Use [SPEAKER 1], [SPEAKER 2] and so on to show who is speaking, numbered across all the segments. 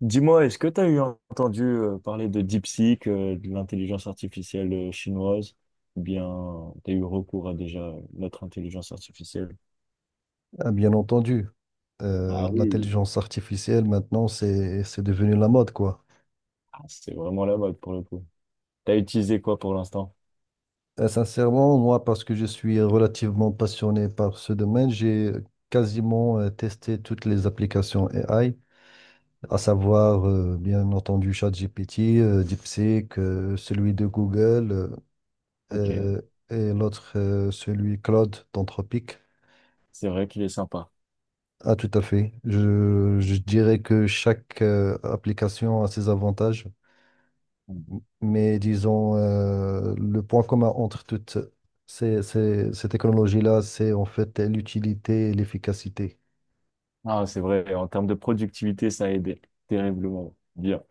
[SPEAKER 1] Dis-moi, est-ce que tu as eu entendu parler de DeepSeek, de l'intelligence artificielle chinoise? Ou bien tu as eu recours à déjà notre intelligence artificielle?
[SPEAKER 2] Ah, bien entendu. Euh,
[SPEAKER 1] Ah oui.
[SPEAKER 2] l'intelligence artificielle maintenant, c'est devenu la mode, quoi.
[SPEAKER 1] Ah, c'est vraiment la mode pour le coup. T'as utilisé quoi pour l'instant?
[SPEAKER 2] Sincèrement, moi, parce que je suis relativement passionné par ce domaine, j'ai quasiment testé toutes les applications AI, à savoir, bien entendu, ChatGPT, DeepSeek, celui de Google,
[SPEAKER 1] Ok,
[SPEAKER 2] euh, et l'autre, celui Claude d'Anthropic.
[SPEAKER 1] c'est vrai qu'il est sympa.
[SPEAKER 2] Ah, tout à fait. Je dirais que chaque application a ses avantages.
[SPEAKER 1] Mm.
[SPEAKER 2] Mais disons, le point commun entre toutes ces technologies-là, c'est en fait l'utilité et l'efficacité.
[SPEAKER 1] Ah, c'est vrai, en termes de productivité, ça a aidé terriblement. Bien.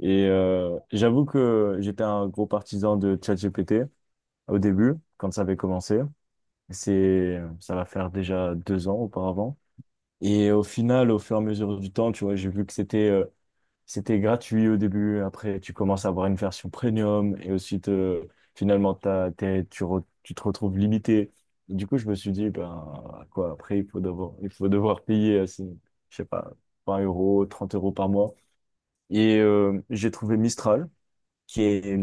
[SPEAKER 1] Et j'avoue que j'étais un gros partisan de ChatGPT au début, quand ça avait commencé. Ça va faire déjà 2 ans auparavant. Et au final, au fur et à mesure du temps, tu vois, j'ai vu que c'était gratuit au début. Après, tu commences à avoir une version premium et ensuite, finalement, t'as, t'es- tu, re- tu te retrouves limité. Du coup, je me suis dit, ben, quoi, après, il faut devoir payer, je sais pas, 20 euros, 30 euros par mois. Et j'ai trouvé Mistral qui est,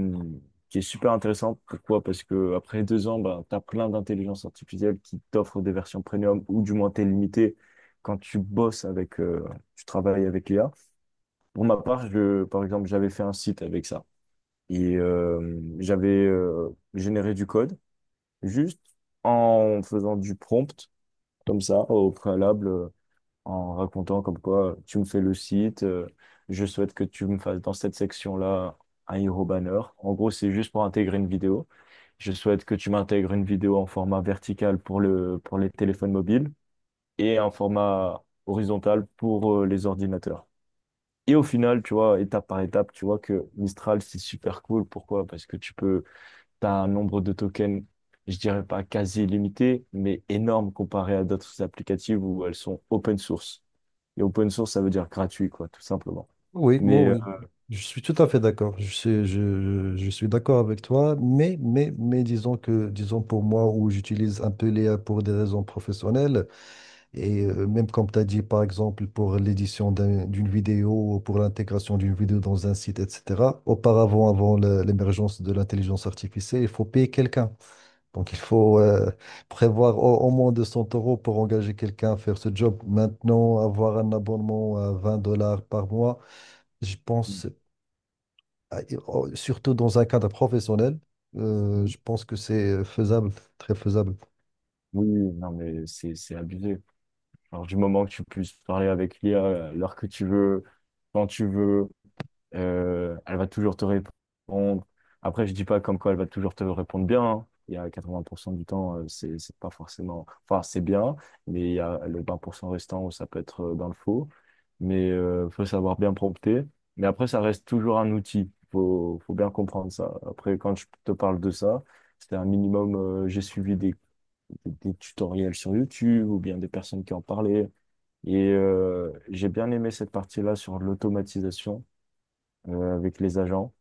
[SPEAKER 1] qui est super intéressante. Pourquoi? Parce que après 2 ans, ben, tu as plein d'intelligence artificielle qui t'offre des versions premium ou du moins t'es limité quand tu bosses tu travailles avec l'IA. Pour ma part, je, par exemple, j'avais fait un site avec ça et j'avais généré du code juste en faisant du prompt comme ça au préalable, en racontant comme quoi tu me fais le site, je souhaite que tu me fasses dans cette section-là un hero banner. En gros, c'est juste pour intégrer une vidéo. Je souhaite que tu m'intègres une vidéo en format vertical pour pour les téléphones mobiles et un format horizontal pour les ordinateurs. Et au final, tu vois, étape par étape, tu vois que Mistral, c'est super cool. Pourquoi? Parce que tu peux, t'as un nombre de tokens, je dirais pas quasi illimité, mais énorme comparé à d'autres applicatives où elles sont open source. Et open source, ça veut dire gratuit, quoi, tout simplement.
[SPEAKER 2] Oui, moi,
[SPEAKER 1] Mais
[SPEAKER 2] oui. Je suis tout à fait d'accord. Je suis d'accord avec toi, mais disons que, disons pour moi, où j'utilise un peu l'IA pour des raisons professionnelles, et même comme tu as dit, par exemple, pour l'édition d'une vidéo, ou pour l'intégration d'une vidéo dans un site, etc., auparavant, avant l'émergence de l'intelligence artificielle, il faut payer quelqu'un. Donc, il faut prévoir au moins 200 euros pour engager quelqu'un à faire ce job. Maintenant, avoir un abonnement à 20 dollars par mois, je pense, à- surtout dans un cadre professionnel, je pense que c'est faisable, très faisable.
[SPEAKER 1] oui, non, mais c'est abusé. Alors, du moment que tu puisses parler avec l'IA à l'heure que tu veux, quand tu veux. Elle va toujours te répondre. Après, je dis pas comme quoi elle va toujours te répondre bien, hein. Il y a 80% du temps, c'est pas forcément. Enfin, c'est bien, mais il y a le 20% restant où ça peut être dans le faux. Mais faut savoir bien prompter. Mais après, ça reste toujours un outil. Faut bien comprendre ça. Après, quand je te parle de ça, c'était un minimum. J'ai suivi des tutoriels sur YouTube ou bien des personnes qui en parlaient. Et j'ai bien aimé cette partie-là sur l'automatisation avec les agents.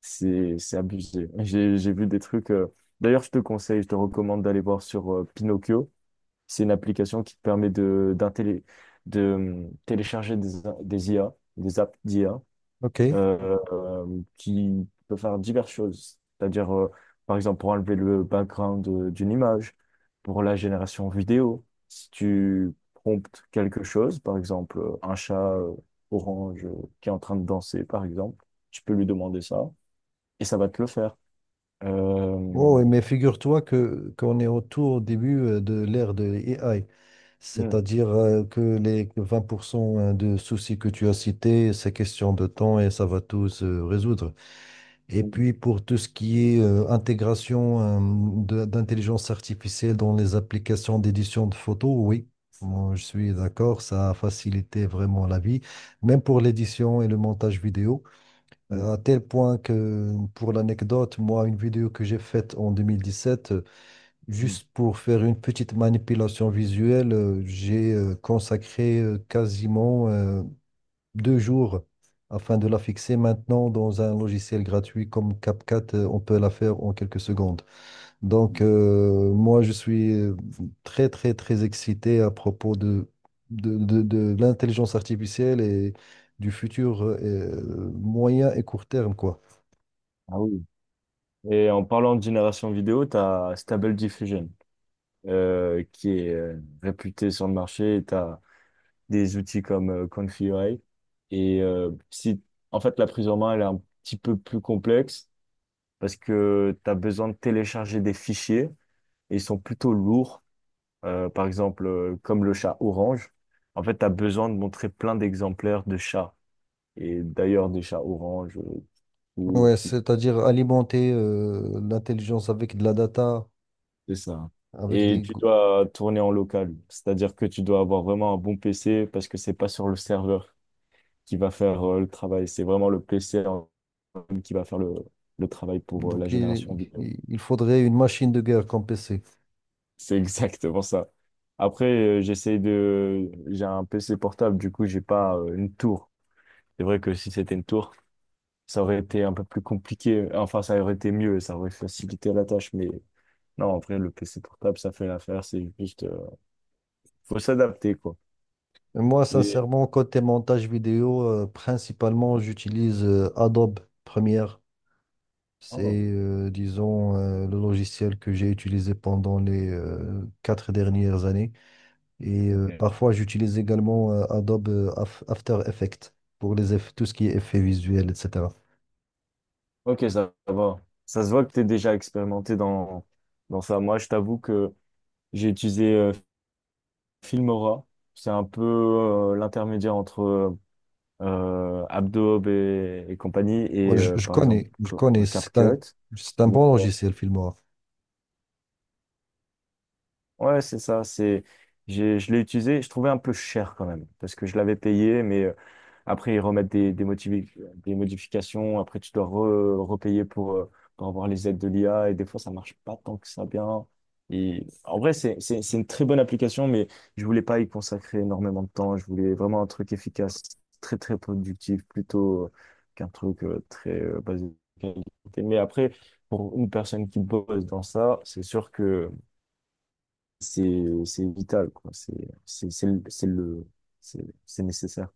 [SPEAKER 1] C'est abusé. J'ai vu des trucs. D'ailleurs, je te conseille, je te recommande d'aller voir sur Pinocchio. C'est une application qui te permet de télécharger des IA, des apps d'IA,
[SPEAKER 2] OK.
[SPEAKER 1] qui peut faire diverses choses. C'est-à-dire, par exemple, pour enlever le background d'une image, pour la génération vidéo, si tu promptes quelque chose, par exemple, un chat orange qui est en train de danser, par exemple, tu peux lui demander ça et ça va te le faire.
[SPEAKER 2] Oh,
[SPEAKER 1] Euh,
[SPEAKER 2] oui, mais figure-toi que qu'on est au tout au début de l'ère de l'AI,
[SPEAKER 1] mm,
[SPEAKER 2] c'est-à-dire que les 20% de soucis que tu as cités, c'est question de temps et ça va tout se résoudre. Et
[SPEAKER 1] mm,
[SPEAKER 2] puis pour tout ce qui est intégration d'intelligence artificielle dans les applications d'édition de photos, oui, moi, je suis d'accord, ça a facilité vraiment la vie, même pour l'édition et le montage vidéo.
[SPEAKER 1] mm,
[SPEAKER 2] À tel point que pour l'anecdote, moi, une vidéo que j'ai faite en 2017,
[SPEAKER 1] mm.
[SPEAKER 2] juste pour faire une petite manipulation visuelle, j'ai consacré quasiment deux jours afin de la fixer. Maintenant, dans un logiciel gratuit comme CapCut, on peut la faire en quelques secondes. Donc, moi, je suis très, très, très excité à propos de l'intelligence artificielle et du futur moyen et court terme, quoi.
[SPEAKER 1] Ah oui. Et en parlant de génération vidéo, tu as Stable Diffusion qui est réputé sur le marché. Tu des outils comme Confluent. Et si, en fait, la prise en main, elle est un petit peu plus complexe parce que tu as besoin de télécharger des fichiers et ils sont plutôt lourds. Par exemple, comme le chat orange, en fait, tu as besoin de montrer plein d'exemplaires de chats et d'ailleurs des chats orange, pour
[SPEAKER 2] Ouais,
[SPEAKER 1] tout,
[SPEAKER 2] c'est-à-dire alimenter l'intelligence avec de la data,
[SPEAKER 1] c'est ça.
[SPEAKER 2] avec
[SPEAKER 1] Et
[SPEAKER 2] des...
[SPEAKER 1] tu dois tourner en local, c'est-à-dire que tu dois avoir vraiment un bon PC parce que c'est pas sur le serveur qui va faire le travail, c'est vraiment le PC qui va faire le travail pour
[SPEAKER 2] Donc,
[SPEAKER 1] la génération
[SPEAKER 2] il,
[SPEAKER 1] vidéo.
[SPEAKER 2] il il faudrait une machine de guerre comme PC.
[SPEAKER 1] C'est exactement ça. Après, j'essaie de... J'ai un PC portable, du coup, j'ai pas une tour. C'est vrai que si c'était une tour, ça aurait été un peu plus compliqué. Enfin, ça aurait été mieux, ça aurait facilité la tâche. Mais non, en vrai, le PC portable, ça fait l'affaire. C'est juste... faut s'adapter, quoi.
[SPEAKER 2] Moi,
[SPEAKER 1] Et-
[SPEAKER 2] sincèrement, côté montage vidéo, principalement, j'utilise Adobe Premiere. C'est,
[SPEAKER 1] Oh,
[SPEAKER 2] disons, le logiciel que j'ai utilisé pendant les quatre dernières années. Et
[SPEAKER 1] ok.
[SPEAKER 2] parfois, j'utilise également Adobe After Effects pour les tout ce qui est effets visuels, etc.
[SPEAKER 1] Ok, ça va. Ça se voit que tu es déjà expérimenté dans ça. Moi, je t'avoue que j'ai utilisé Filmora, c'est un peu l'intermédiaire entre Adobe et compagnie
[SPEAKER 2] Moi,
[SPEAKER 1] et
[SPEAKER 2] je, je
[SPEAKER 1] par exemple
[SPEAKER 2] connais, je connais. C'est
[SPEAKER 1] CapCut.
[SPEAKER 2] c'est un
[SPEAKER 1] Mais
[SPEAKER 2] bon logiciel, Filmora.
[SPEAKER 1] ouais, c'est ça. Je l'ai utilisé. Je trouvais un peu cher quand même parce que je l'avais payé, mais après ils remettent des modifications. Après tu dois repayer pour avoir les aides de l'IA et des fois ça marche pas tant que ça bien. Et en vrai, c'est une très bonne application, mais je voulais pas y consacrer énormément de temps. Je voulais vraiment un truc efficace, très très productif, plutôt qu'un truc très basé sur la qualité. Mais après, pour une personne qui bosse dans ça, c'est sûr que c'est vital quoi, c'est c'est le c'est le- c'est nécessaire.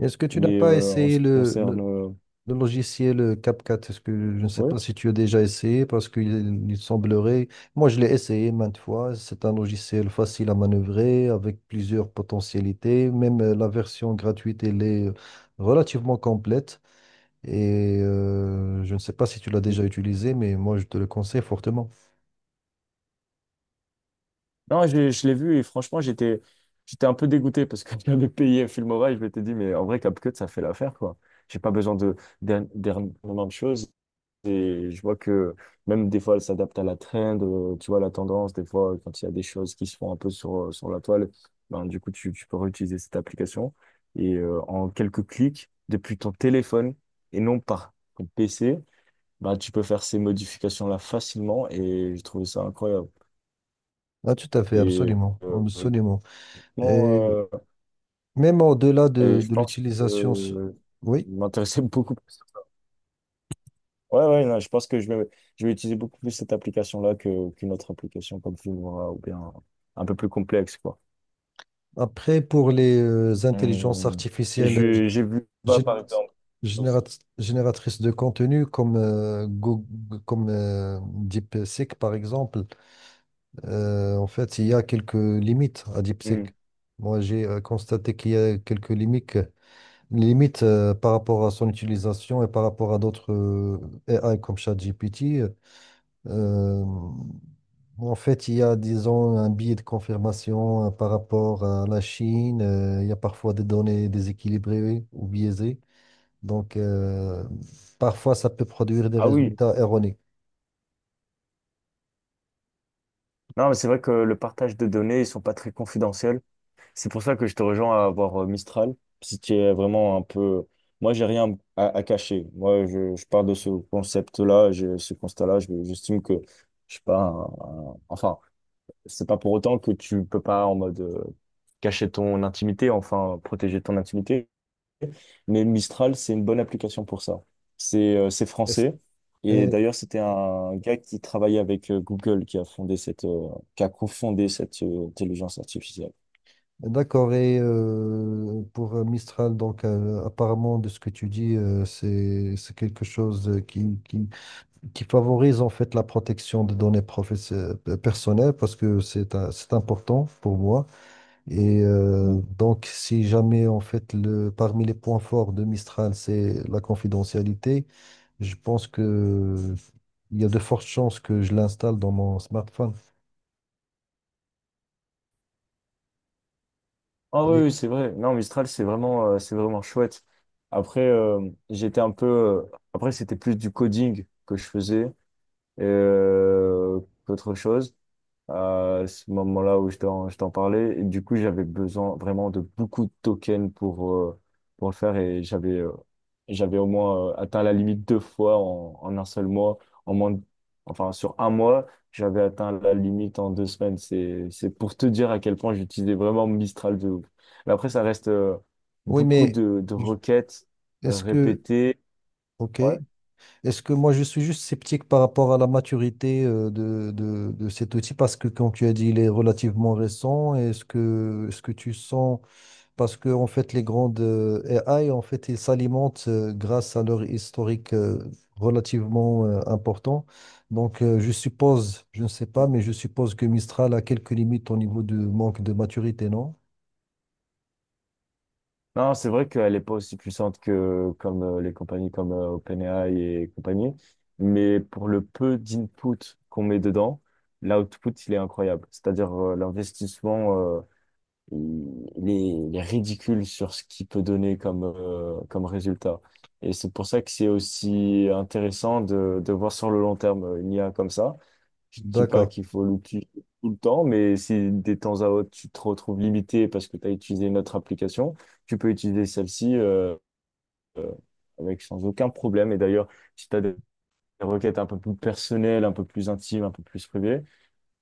[SPEAKER 2] Est-ce que tu n'as
[SPEAKER 1] Mais
[SPEAKER 2] pas
[SPEAKER 1] en
[SPEAKER 2] essayé
[SPEAKER 1] ce qui concerne
[SPEAKER 2] le logiciel CapCut, est-ce que je ne sais
[SPEAKER 1] ouais,
[SPEAKER 2] pas si tu as déjà essayé parce qu'il il semblerait, moi je l'ai essayé maintes fois, c'est un logiciel facile à manœuvrer avec plusieurs potentialités, même la version gratuite elle est relativement complète et je ne sais pas si tu l'as déjà utilisé mais moi je te le conseille fortement.
[SPEAKER 1] non, je l'ai vu et franchement j'étais un peu dégoûté parce que j'avais payé Filmora et je m'étais dit mais en vrai CapCut ça fait l'affaire quoi. J'ai pas besoin de d'ernement de choses. Et je vois que même des fois, elle s'adapte à la trend, tu vois, la tendance. Des fois, quand il y a des choses qui se font un peu sur la toile, ben, du coup, tu peux réutiliser cette application. Et en quelques clics, depuis ton téléphone et non par ton PC, ben, tu peux faire ces modifications-là facilement. Et j'ai trouvé ça incroyable.
[SPEAKER 2] Ah, tout à fait,
[SPEAKER 1] Et,
[SPEAKER 2] absolument,
[SPEAKER 1] euh,
[SPEAKER 2] absolument.
[SPEAKER 1] Honnêtement,
[SPEAKER 2] Et même au-delà
[SPEAKER 1] et je
[SPEAKER 2] de
[SPEAKER 1] pense que
[SPEAKER 2] l'utilisation, oui.
[SPEAKER 1] je m'intéressais beaucoup. Ouais, ouais, non, je pense que je vais utiliser beaucoup plus cette application-là qu'une autre application comme Filmora ou bien un peu plus complexe, quoi.
[SPEAKER 2] Après, pour les intelligences
[SPEAKER 1] Hum, et
[SPEAKER 2] artificielles,
[SPEAKER 1] j'ai vu Canva, par
[SPEAKER 2] Générat-
[SPEAKER 1] exemple. Aussi.
[SPEAKER 2] génératrice de contenu comme, comme DeepSeek, par exemple, en fait, il y a quelques limites à DeepSeek.
[SPEAKER 1] Hum.
[SPEAKER 2] Moi, j'ai constaté qu'il y a quelques limites, limites par rapport à son utilisation et par rapport à d'autres AI comme ChatGPT. Euh, en fait, il y a, disons, un biais de confirmation par rapport à la Chine. Il y a parfois des données déséquilibrées ou biaisées. Donc, parfois, ça peut produire des
[SPEAKER 1] Ah oui.
[SPEAKER 2] résultats erronés.
[SPEAKER 1] Non, mais c'est vrai que le partage de données, ils sont pas très confidentiels. C'est pour ça que je te rejoins à avoir Mistral. Si tu es vraiment un peu... Moi, j'ai rien à cacher. Moi, je pars de ce concept-là, j'ai ce constat-là. J'estime que je suis pas un- un- enfin, c'est pas pour autant que tu peux pas en mode cacher ton intimité, enfin protéger ton intimité. Mais Mistral, c'est une bonne application pour ça. C'est
[SPEAKER 2] Est-ce-
[SPEAKER 1] français. Et
[SPEAKER 2] et-
[SPEAKER 1] d'ailleurs, c'était un gars qui travaillait avec Google qui qui a cofondé cette intelligence artificielle.
[SPEAKER 2] D'accord. Et pour Mistral, donc, apparemment, de ce que tu dis, c'est quelque chose qui favorise en fait la protection des données personnelles parce que c'est important pour moi. Et donc, si jamais, en fait, parmi les points forts de Mistral, c'est la confidentialité, je pense que il y a de fortes chances que je l'installe dans mon smartphone.
[SPEAKER 1] Ah oui,
[SPEAKER 2] Et-
[SPEAKER 1] oui, c'est vrai. Non, Mistral, c'est vraiment chouette. Après, j'étais un peu. Après, c'était plus du coding que je faisais euh, qu'autre chose à ce moment-là où je t'en parlais. Et du coup, j'avais besoin vraiment de beaucoup de tokens pour le faire et j'avais au moins atteint la limite 2 fois en 1 seul mois. En moins de- enfin, sur un mois, j'avais atteint la limite en 2 semaines. C'est pour te dire à quel point j'utilisais vraiment Mistral de ouf. Mais après, ça reste
[SPEAKER 2] oui,
[SPEAKER 1] beaucoup de
[SPEAKER 2] je-
[SPEAKER 1] requêtes
[SPEAKER 2] est-ce que,
[SPEAKER 1] répétées.
[SPEAKER 2] ok,
[SPEAKER 1] Ouais.
[SPEAKER 2] est-ce que moi je suis juste sceptique par rapport à la maturité euh, de cet outil parce que, comme tu as dit, il est relativement récent. Est-ce que tu sens. Parce que en fait, les grandes AI, en fait, ils s'alimentent grâce à leur historique relativement important. Donc, je suppose, je ne sais pas, mais je suppose que Mistral a quelques limites au niveau du manque de maturité, non?
[SPEAKER 1] Non, c'est vrai qu'elle n'est pas aussi puissante que comme les compagnies comme OpenAI et compagnie, mais pour le peu d'input qu'on met dedans, l'output, il est incroyable. C'est-à-dire l'investissement, il est ridicule sur ce qu'il peut donner comme, comme résultat. Et c'est pour ça que c'est aussi intéressant de voir sur le long terme une IA comme ça. Je ne dis pas
[SPEAKER 2] D'accord.
[SPEAKER 1] qu'il faut l'utiliser tout le temps, mais si des temps à autre, tu te retrouves limité parce que tu as utilisé une autre application, tu peux utiliser celle-ci euh, avec sans aucun problème. Et d'ailleurs, si tu as des requêtes un peu plus personnelles, un peu plus intimes, un peu plus privées,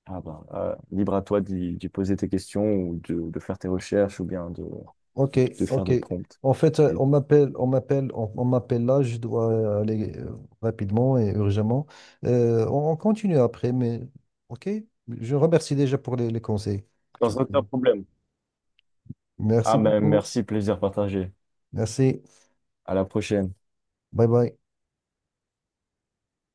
[SPEAKER 1] ah ben, libre à toi d'y poser tes questions ou de faire tes recherches ou bien
[SPEAKER 2] Ok,
[SPEAKER 1] de faire
[SPEAKER 2] ok.
[SPEAKER 1] des prompts.
[SPEAKER 2] En fait,
[SPEAKER 1] Et
[SPEAKER 2] on m'appelle là. Je dois aller rapidement et urgemment. On continue après, mais ok. Je remercie déjà pour les conseils que tu m'as
[SPEAKER 1] sans aucun
[SPEAKER 2] donnés.
[SPEAKER 1] problème.
[SPEAKER 2] Merci
[SPEAKER 1] Ah ben,
[SPEAKER 2] beaucoup.
[SPEAKER 1] merci, plaisir partagé.
[SPEAKER 2] Merci.
[SPEAKER 1] À la prochaine.
[SPEAKER 2] Bye bye.